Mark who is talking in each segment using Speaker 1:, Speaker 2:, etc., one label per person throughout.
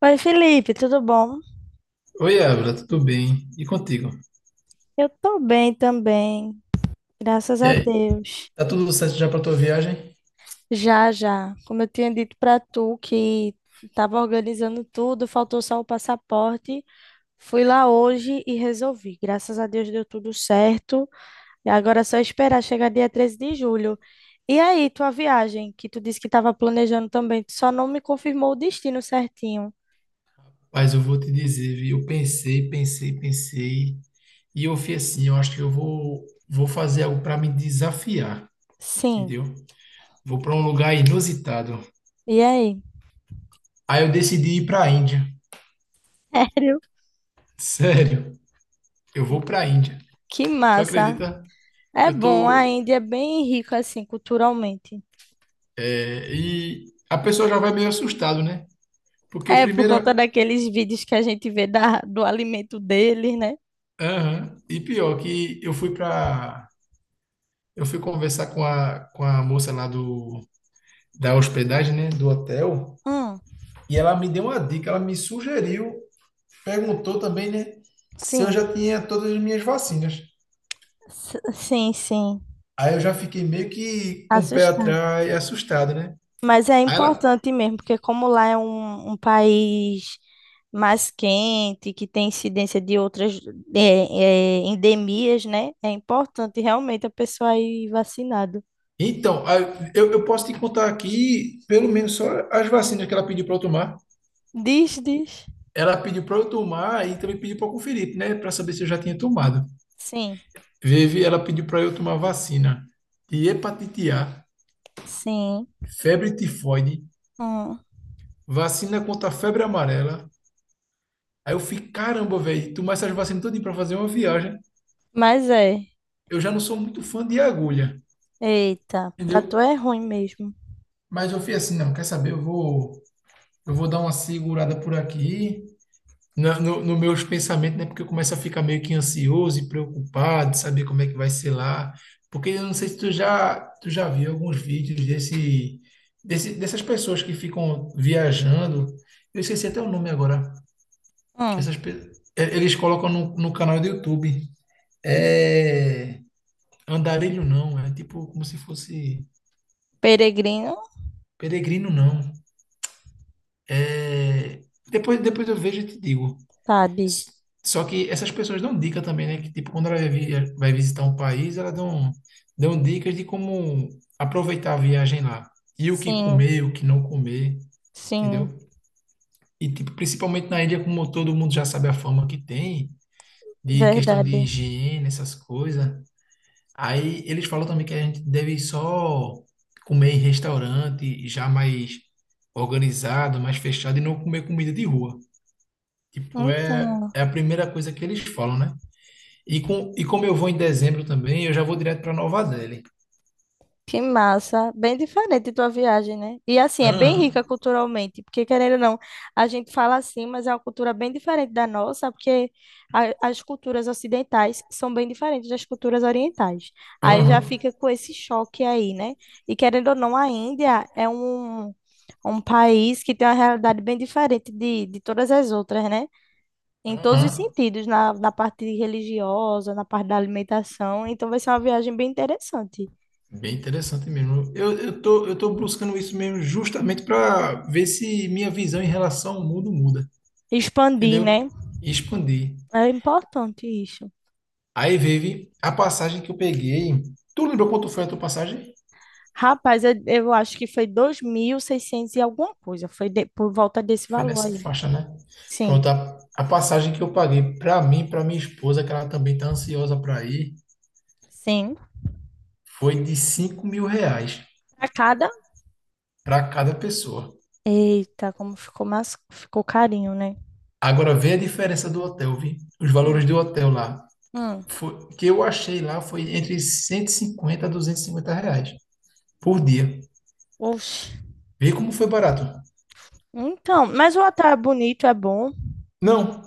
Speaker 1: Oi, Felipe, tudo bom?
Speaker 2: Oi, Ávila, tudo bem? E contigo?
Speaker 1: Eu tô bem também, graças
Speaker 2: E
Speaker 1: a
Speaker 2: aí,
Speaker 1: Deus.
Speaker 2: tá tudo certo já pra tua viagem?
Speaker 1: Já, já. Como eu tinha dito pra tu que tava organizando tudo, faltou só o passaporte. Fui lá hoje e resolvi. Graças a Deus deu tudo certo. E agora é só esperar chegar dia 13 de julho. E aí, tua viagem, que tu disse que tava planejando também, tu só não me confirmou o destino certinho.
Speaker 2: Mas eu vou te dizer, viu? Eu pensei, pensei, pensei, e eu fui assim, eu acho que eu vou fazer algo para me desafiar,
Speaker 1: Sim.
Speaker 2: entendeu? Vou para um lugar inusitado.
Speaker 1: E aí?
Speaker 2: Aí eu decidi ir para a Índia.
Speaker 1: Sério?
Speaker 2: Sério, eu vou para a Índia.
Speaker 1: Que
Speaker 2: Tu
Speaker 1: massa.
Speaker 2: acredita?
Speaker 1: É
Speaker 2: Eu
Speaker 1: bom, a
Speaker 2: tô,
Speaker 1: Índia é bem rica assim culturalmente.
Speaker 2: e a pessoa já vai meio assustado, né? Porque
Speaker 1: É por conta
Speaker 2: primeira,
Speaker 1: daqueles vídeos que a gente vê do alimento deles, né?
Speaker 2: aham, e pior que eu fui conversar com a moça lá da hospedagem, né, do hotel,
Speaker 1: Hum,
Speaker 2: e ela me deu uma dica, ela me sugeriu, perguntou também, né, se eu
Speaker 1: sim,
Speaker 2: já tinha todas as minhas vacinas.
Speaker 1: Sim, sim.
Speaker 2: Aí eu já fiquei meio que com o pé
Speaker 1: Assustado.
Speaker 2: atrás, assustado, né?
Speaker 1: Mas é
Speaker 2: Aí ela,
Speaker 1: importante mesmo, porque como lá é um país mais quente, que tem incidência de outras endemias, né? É importante realmente a pessoa ir vacinada.
Speaker 2: então, aí eu posso te contar aqui, pelo menos só as vacinas que ela pediu para eu tomar.
Speaker 1: Diz, diz.
Speaker 2: Ela pediu para eu tomar e também pediu para conferir, né, para saber se eu já tinha tomado.
Speaker 1: Sim,
Speaker 2: Vivi, ela pediu para eu tomar vacina de hepatite A,
Speaker 1: sim.
Speaker 2: febre tifoide,
Speaker 1: Hum.
Speaker 2: vacina contra a febre amarela. Aí eu fiquei, caramba, velho, tomar essas vacinas todinha pra fazer uma viagem.
Speaker 1: Mas é.
Speaker 2: Eu já não sou muito fã de agulha,
Speaker 1: Eita, pra tu
Speaker 2: entendeu?
Speaker 1: é ruim mesmo.
Speaker 2: Mas eu fui assim, não, quer saber? Eu vou dar uma segurada por aqui, no meus pensamentos, né? Porque eu começo a ficar meio que ansioso e preocupado, de saber como é que vai ser lá. Porque eu não sei se tu já viu alguns vídeos desse, dessas pessoas que ficam viajando. Eu esqueci até o nome agora. Que
Speaker 1: Hum,
Speaker 2: essas pe- eh, eles colocam no, no canal do YouTube. É andarilho não, é tipo como se fosse
Speaker 1: peregrino,
Speaker 2: peregrino não. É depois eu vejo e te digo.
Speaker 1: sabe?
Speaker 2: S- Só que essas pessoas dão dica também, né? Que tipo quando ela vai visitar um país, elas dão dicas de como aproveitar a viagem lá e o que
Speaker 1: Sim,
Speaker 2: comer, o que não comer, entendeu?
Speaker 1: sim,
Speaker 2: E tipo principalmente na ilha como todo mundo já sabe a fama que tem de questão de
Speaker 1: verdade.
Speaker 2: higiene, essas coisas. Aí eles falam também que a gente deve só comer em restaurante já mais organizado, mais fechado e não comer comida de rua. Tipo, é,
Speaker 1: Então.
Speaker 2: é a primeira coisa que eles falam, né? E como eu vou em dezembro também, eu já vou direto para Nova Delhi.
Speaker 1: Que massa, bem diferente tua viagem, né? E assim, é bem
Speaker 2: Aham,
Speaker 1: rica culturalmente, porque querendo ou não, a gente fala assim, mas é uma cultura bem diferente da nossa, porque as culturas ocidentais são bem diferentes das culturas orientais. Aí já
Speaker 2: aham,
Speaker 1: fica com esse choque aí, né? E querendo ou não, a Índia é um, um país que tem uma realidade bem diferente de todas as outras, né? Em todos os
Speaker 2: aham.
Speaker 1: sentidos, na parte religiosa, na parte da alimentação. Então vai ser uma viagem bem interessante.
Speaker 2: Bem interessante mesmo. Eu tô buscando isso mesmo justamente para ver se minha visão em relação ao mundo muda,
Speaker 1: Expandir,
Speaker 2: entendeu?
Speaker 1: né?
Speaker 2: E expandir.
Speaker 1: É importante isso.
Speaker 2: Aí veio a passagem que eu peguei. Tu lembrou quanto foi a tua passagem?
Speaker 1: Rapaz, eu acho que foi 2.600 e 600 e alguma coisa. Foi por volta desse
Speaker 2: Foi
Speaker 1: valor
Speaker 2: nessa
Speaker 1: aí.
Speaker 2: faixa, né?
Speaker 1: Sim,
Speaker 2: Pronto, a passagem que eu paguei para mim, para minha esposa, que ela também tá ansiosa para ir,
Speaker 1: sim.
Speaker 2: foi de R$ 5.000
Speaker 1: Para cada.
Speaker 2: para cada pessoa.
Speaker 1: Eita, como ficou mais. Ficou carinho, né?
Speaker 2: Agora vê a diferença do hotel, vi? Os valores
Speaker 1: Hum.
Speaker 2: do hotel lá.
Speaker 1: Hum.
Speaker 2: Foi, que eu achei lá foi entre 150 a R$ 250 por dia.
Speaker 1: Oxe.
Speaker 2: Vê como foi barato.
Speaker 1: Então, mas o hotel é bonito, é bom.
Speaker 2: Não,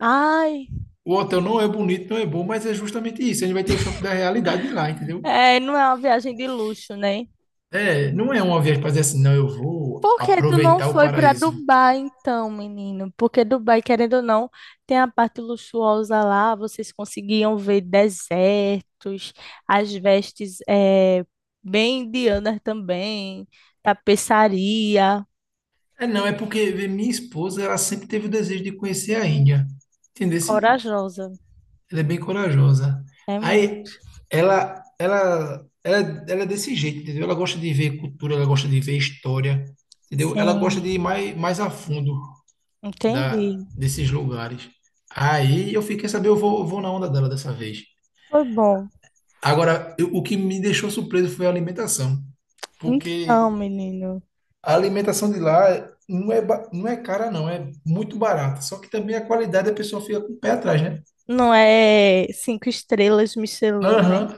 Speaker 1: Ai,
Speaker 2: o hotel não é bonito, não é bom, mas é justamente isso. A gente vai ter o choque da realidade lá, entendeu?
Speaker 1: é, não é uma viagem de luxo, né?
Speaker 2: É, não é uma viagem para dizer assim, não, eu vou
Speaker 1: Por que tu não
Speaker 2: aproveitar o
Speaker 1: foi para
Speaker 2: paraíso.
Speaker 1: Dubai então, menino? Porque Dubai, querendo ou não, tem a parte luxuosa lá, vocês conseguiam ver desertos, as vestes bem indianas também, tapeçaria,
Speaker 2: É, não, é porque vê, minha esposa, ela sempre teve o desejo de conhecer a Índia. Entendeu?
Speaker 1: corajosa.
Speaker 2: Ela é bem corajosa.
Speaker 1: É
Speaker 2: Aí,
Speaker 1: muito.
Speaker 2: ela, ela, ela, ela é desse jeito, entendeu? Ela gosta de ver cultura, ela gosta de ver história, entendeu? Ela gosta
Speaker 1: Sim,
Speaker 2: de ir mais a fundo
Speaker 1: entendi.
Speaker 2: desses lugares. Aí, eu fiquei saber, eu vou na onda dela dessa vez.
Speaker 1: Foi bom.
Speaker 2: Agora, o que me deixou surpreso foi a alimentação,
Speaker 1: Então,
Speaker 2: porque
Speaker 1: menino,
Speaker 2: a alimentação de lá não é cara, não, é muito barata. Só que também a qualidade a pessoa fica com o pé atrás, né?
Speaker 1: não é cinco estrelas Michelin, né?
Speaker 2: Aham.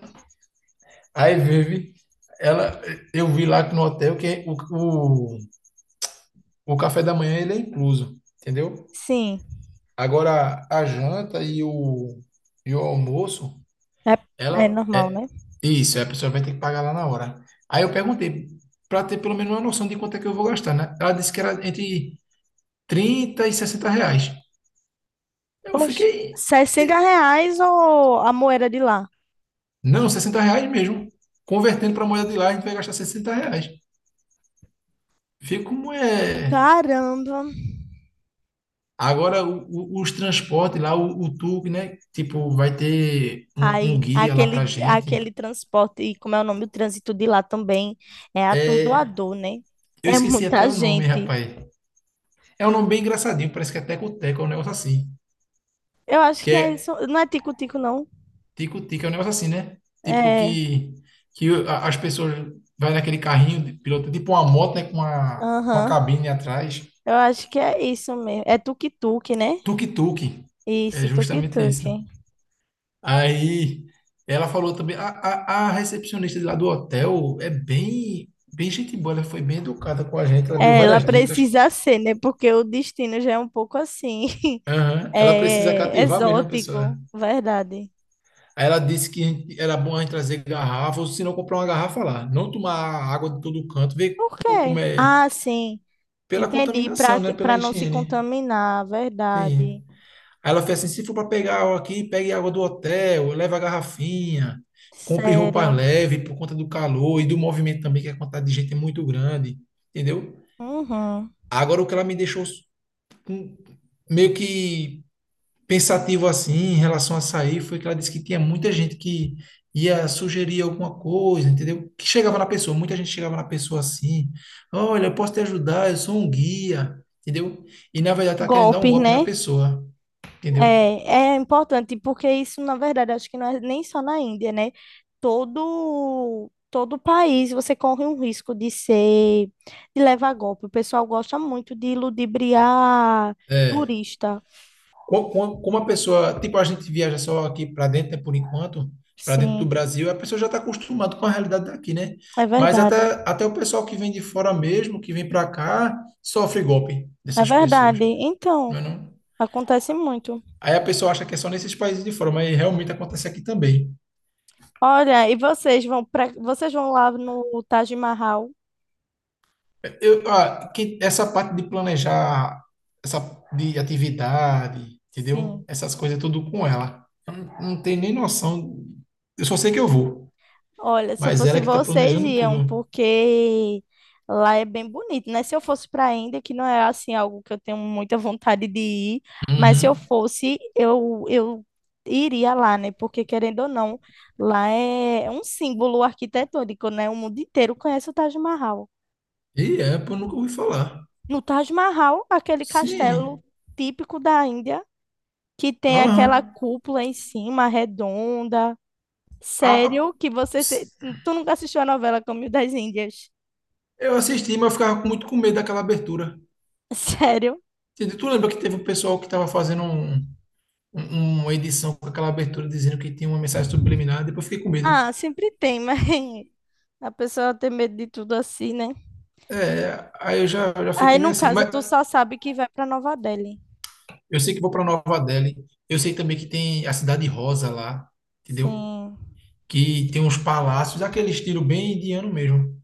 Speaker 2: Aí vive. Ela, eu vi lá no hotel que o, o café da manhã ele é incluso, entendeu?
Speaker 1: Sim,
Speaker 2: Agora a janta e o almoço,
Speaker 1: é, é
Speaker 2: ela
Speaker 1: normal,
Speaker 2: é
Speaker 1: né?
Speaker 2: isso, a pessoa vai ter que pagar lá na hora. Aí eu perguntei, para ter pelo menos uma noção de quanto é que eu vou gastar, né? Ela disse que era entre 30 e R$ 60. Eu
Speaker 1: Poxa,
Speaker 2: fiquei.
Speaker 1: R$ 60 ou a moeda de lá?
Speaker 2: Não, R$ 60 mesmo. Convertendo para moeda de lá, a gente vai gastar R$ 60. Vê como é.
Speaker 1: Caramba!
Speaker 2: Agora, os transportes lá, o tour, né? Tipo, vai ter um
Speaker 1: Ai,
Speaker 2: guia lá pra
Speaker 1: aquele,
Speaker 2: gente.
Speaker 1: aquele transporte, e como é o nome, o trânsito de lá também é
Speaker 2: É,
Speaker 1: atordoador, né?
Speaker 2: eu
Speaker 1: É
Speaker 2: esqueci
Speaker 1: muita
Speaker 2: até o nome,
Speaker 1: gente.
Speaker 2: rapaz. É um nome bem engraçadinho, parece que é Teco-Teco, é um negócio assim.
Speaker 1: Eu acho
Speaker 2: Que
Speaker 1: que
Speaker 2: é
Speaker 1: é isso. Não é tico-tico, não.
Speaker 2: Tico-Tico, é um negócio assim, né? Tipo
Speaker 1: É,
Speaker 2: que as pessoas vai naquele carrinho de piloto, tipo uma moto, né? Com uma
Speaker 1: aham.
Speaker 2: cabine atrás.
Speaker 1: Eu acho que é isso mesmo. É tuk-tuk, né?
Speaker 2: Tuk-tuk. É
Speaker 1: Isso,
Speaker 2: justamente
Speaker 1: tuk-tuk.
Speaker 2: isso. Aí ela falou também, a recepcionista de lá do hotel é bem, bem gente boa, ela foi bem educada com a gente, ela deu
Speaker 1: É, ela
Speaker 2: várias dicas.
Speaker 1: precisa ser, né? Porque o destino já é um pouco assim,
Speaker 2: Aham. Ela precisa
Speaker 1: é,
Speaker 2: cativar mesmo a
Speaker 1: exótico,
Speaker 2: pessoa.
Speaker 1: verdade.
Speaker 2: Aí ela disse que era bom a gente trazer garrafa, ou se não comprar uma garrafa lá, não tomar água de todo canto, ver
Speaker 1: Por
Speaker 2: como
Speaker 1: quê?
Speaker 2: é,
Speaker 1: Ah, sim.
Speaker 2: pela
Speaker 1: Entendi. Para
Speaker 2: contaminação, né, pela
Speaker 1: para não se
Speaker 2: higiene.
Speaker 1: contaminar,
Speaker 2: Sim.
Speaker 1: verdade.
Speaker 2: Aí ela fez assim: se for para pegar água aqui, pegue água do hotel, leva a garrafinha, compre roupa
Speaker 1: Sério.
Speaker 2: leve por conta do calor e do movimento também, que a quantidade de gente é muito grande, entendeu?
Speaker 1: Uhum.
Speaker 2: Agora o que ela me deixou com- meio que pensativo assim em relação a sair foi que ela disse que tinha muita gente que ia sugerir alguma coisa, entendeu? Que chegava na pessoa, muita gente chegava na pessoa assim: olha, eu posso te ajudar, eu sou um guia, entendeu? E na verdade tá querendo dar um
Speaker 1: Golpes,
Speaker 2: golpe na
Speaker 1: né?
Speaker 2: pessoa,
Speaker 1: É,
Speaker 2: entendeu?
Speaker 1: é importante, porque isso, na verdade, acho que não é nem só na Índia, né? Todo país você corre um risco de levar golpe. O pessoal gosta muito de ludibriar
Speaker 2: É.
Speaker 1: turista.
Speaker 2: Como a pessoa, tipo, a gente viaja só aqui para dentro, né, por enquanto, para dentro do
Speaker 1: Sim,
Speaker 2: Brasil, a pessoa já está acostumada com a realidade daqui, né?
Speaker 1: é
Speaker 2: Mas
Speaker 1: verdade.
Speaker 2: até o pessoal que vem de fora mesmo, que vem para cá, sofre golpe
Speaker 1: É
Speaker 2: dessas pessoas,
Speaker 1: verdade.
Speaker 2: não
Speaker 1: Então,
Speaker 2: é não?
Speaker 1: acontece muito.
Speaker 2: Aí a pessoa acha que é só nesses países de fora, mas realmente acontece aqui também.
Speaker 1: Olha, e vocês vão lá no Taj Mahal?
Speaker 2: Essa parte de planejar, essa de atividade,
Speaker 1: Sim.
Speaker 2: entendeu? Essas coisas tudo com ela. Eu não tenho nem noção. Eu só sei que eu vou,
Speaker 1: Olha, se eu
Speaker 2: mas ela
Speaker 1: fosse
Speaker 2: é que está
Speaker 1: vocês
Speaker 2: planejando
Speaker 1: iam,
Speaker 2: tudo.
Speaker 1: porque lá é bem bonito, né? Se eu fosse para a Índia, que não é assim algo que eu tenho muita vontade de ir, mas se eu
Speaker 2: Uhum.
Speaker 1: fosse, eu iria lá, né? Porque querendo ou não, lá é um símbolo arquitetônico, né? O mundo inteiro conhece o Taj Mahal.
Speaker 2: E é, pô, nunca ouvi falar.
Speaker 1: No Taj Mahal, aquele castelo
Speaker 2: Sim.
Speaker 1: típico da Índia que tem aquela
Speaker 2: Aham.
Speaker 1: cúpula em cima, redonda.
Speaker 2: A- a-
Speaker 1: Sério que você.
Speaker 2: ps-
Speaker 1: Tu nunca assistiu a novela Caminho das Índias?
Speaker 2: eu assisti, mas eu ficava muito com medo daquela abertura.
Speaker 1: Sério?
Speaker 2: Entendeu? Tu lembra que teve um pessoal que estava fazendo um, uma edição com aquela abertura dizendo que tinha uma mensagem subliminar, depois eu fiquei com medo.
Speaker 1: Ah, sempre tem, mas a pessoa tem medo de tudo assim, né?
Speaker 2: É, aí eu já
Speaker 1: Aí,
Speaker 2: fiquei meio
Speaker 1: no
Speaker 2: assim.
Speaker 1: caso,
Speaker 2: Mas
Speaker 1: tu só sabe que vai pra Nova Delhi.
Speaker 2: eu sei que vou para Nova Delhi. Eu sei também que tem a Cidade Rosa lá, entendeu?
Speaker 1: Sim,
Speaker 2: Que tem uns palácios, aquele estilo bem indiano mesmo.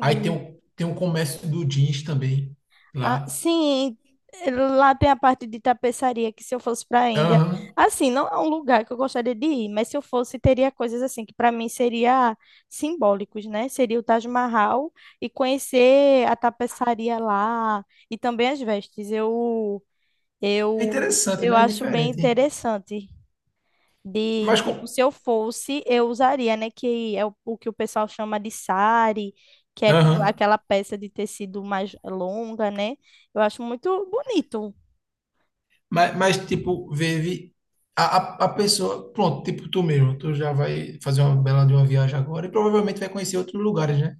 Speaker 2: Aí tem o, tem o comércio do jeans também
Speaker 1: Ah,
Speaker 2: lá.
Speaker 1: sim, lá tem a parte de tapeçaria que se eu fosse para a Índia,
Speaker 2: Aham.
Speaker 1: assim, não é um lugar que eu gostaria de ir, mas se eu fosse, teria coisas assim que para mim seria simbólicos, né? Seria o Taj Mahal e conhecer a tapeçaria lá e também as vestes. Eu
Speaker 2: É
Speaker 1: eu
Speaker 2: interessante,
Speaker 1: eu
Speaker 2: né? É
Speaker 1: acho bem
Speaker 2: diferente.
Speaker 1: interessante. De,
Speaker 2: Mas com.
Speaker 1: tipo, se eu fosse, eu usaria, né? Que é o que o pessoal chama de sari, que é com
Speaker 2: Aham.
Speaker 1: aquela peça de tecido mais longa, né? Eu acho muito bonito.
Speaker 2: Tipo, vive a pessoa. Pronto, tipo, tu mesmo. Tu já vai fazer uma bela de uma viagem agora e provavelmente vai conhecer outros lugares, né?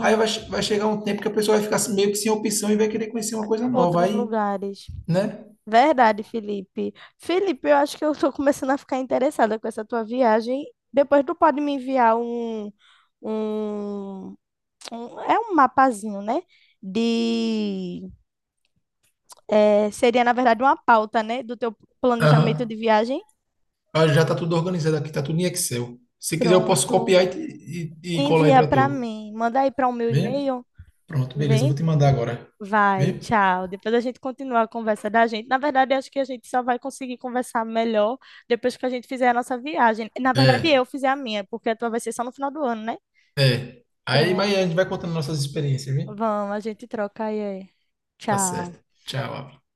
Speaker 2: Aí vai, che- vai chegar um tempo que a pessoa vai ficar meio que sem opção e vai querer conhecer uma coisa nova.
Speaker 1: outros
Speaker 2: Aí,
Speaker 1: lugares.
Speaker 2: né?
Speaker 1: Verdade, Felipe. Felipe, eu acho que eu estou começando a ficar interessada com essa tua viagem. Depois tu pode me enviar um, é um mapazinho, né? De, seria, na verdade, uma pauta, né? Do teu planejamento de
Speaker 2: Aham.
Speaker 1: viagem.
Speaker 2: Ah, já tá tudo organizado aqui, tá tudo em Excel. Se quiser, eu posso
Speaker 1: Pronto.
Speaker 2: copiar e colar aí
Speaker 1: Envia
Speaker 2: pra
Speaker 1: para
Speaker 2: tu.
Speaker 1: mim. Manda aí para o meu
Speaker 2: Vê?
Speaker 1: e-mail.
Speaker 2: Pronto, beleza. Eu
Speaker 1: Vem.
Speaker 2: vou te mandar agora.
Speaker 1: Vai,
Speaker 2: Vê?
Speaker 1: tchau. Depois a gente continua a conversa da gente. Na verdade, acho que a gente só vai conseguir conversar melhor depois que a gente fizer a nossa viagem. Na verdade,
Speaker 2: É,
Speaker 1: eu fizer a minha, porque a tua vai ser só no final do ano, né?
Speaker 2: é. Aí, mas a gente
Speaker 1: Pronto.
Speaker 2: vai contando nossas experiências, viu?
Speaker 1: Vamos, a gente troca aí.
Speaker 2: Tá
Speaker 1: Tchau.
Speaker 2: certo. Tchau.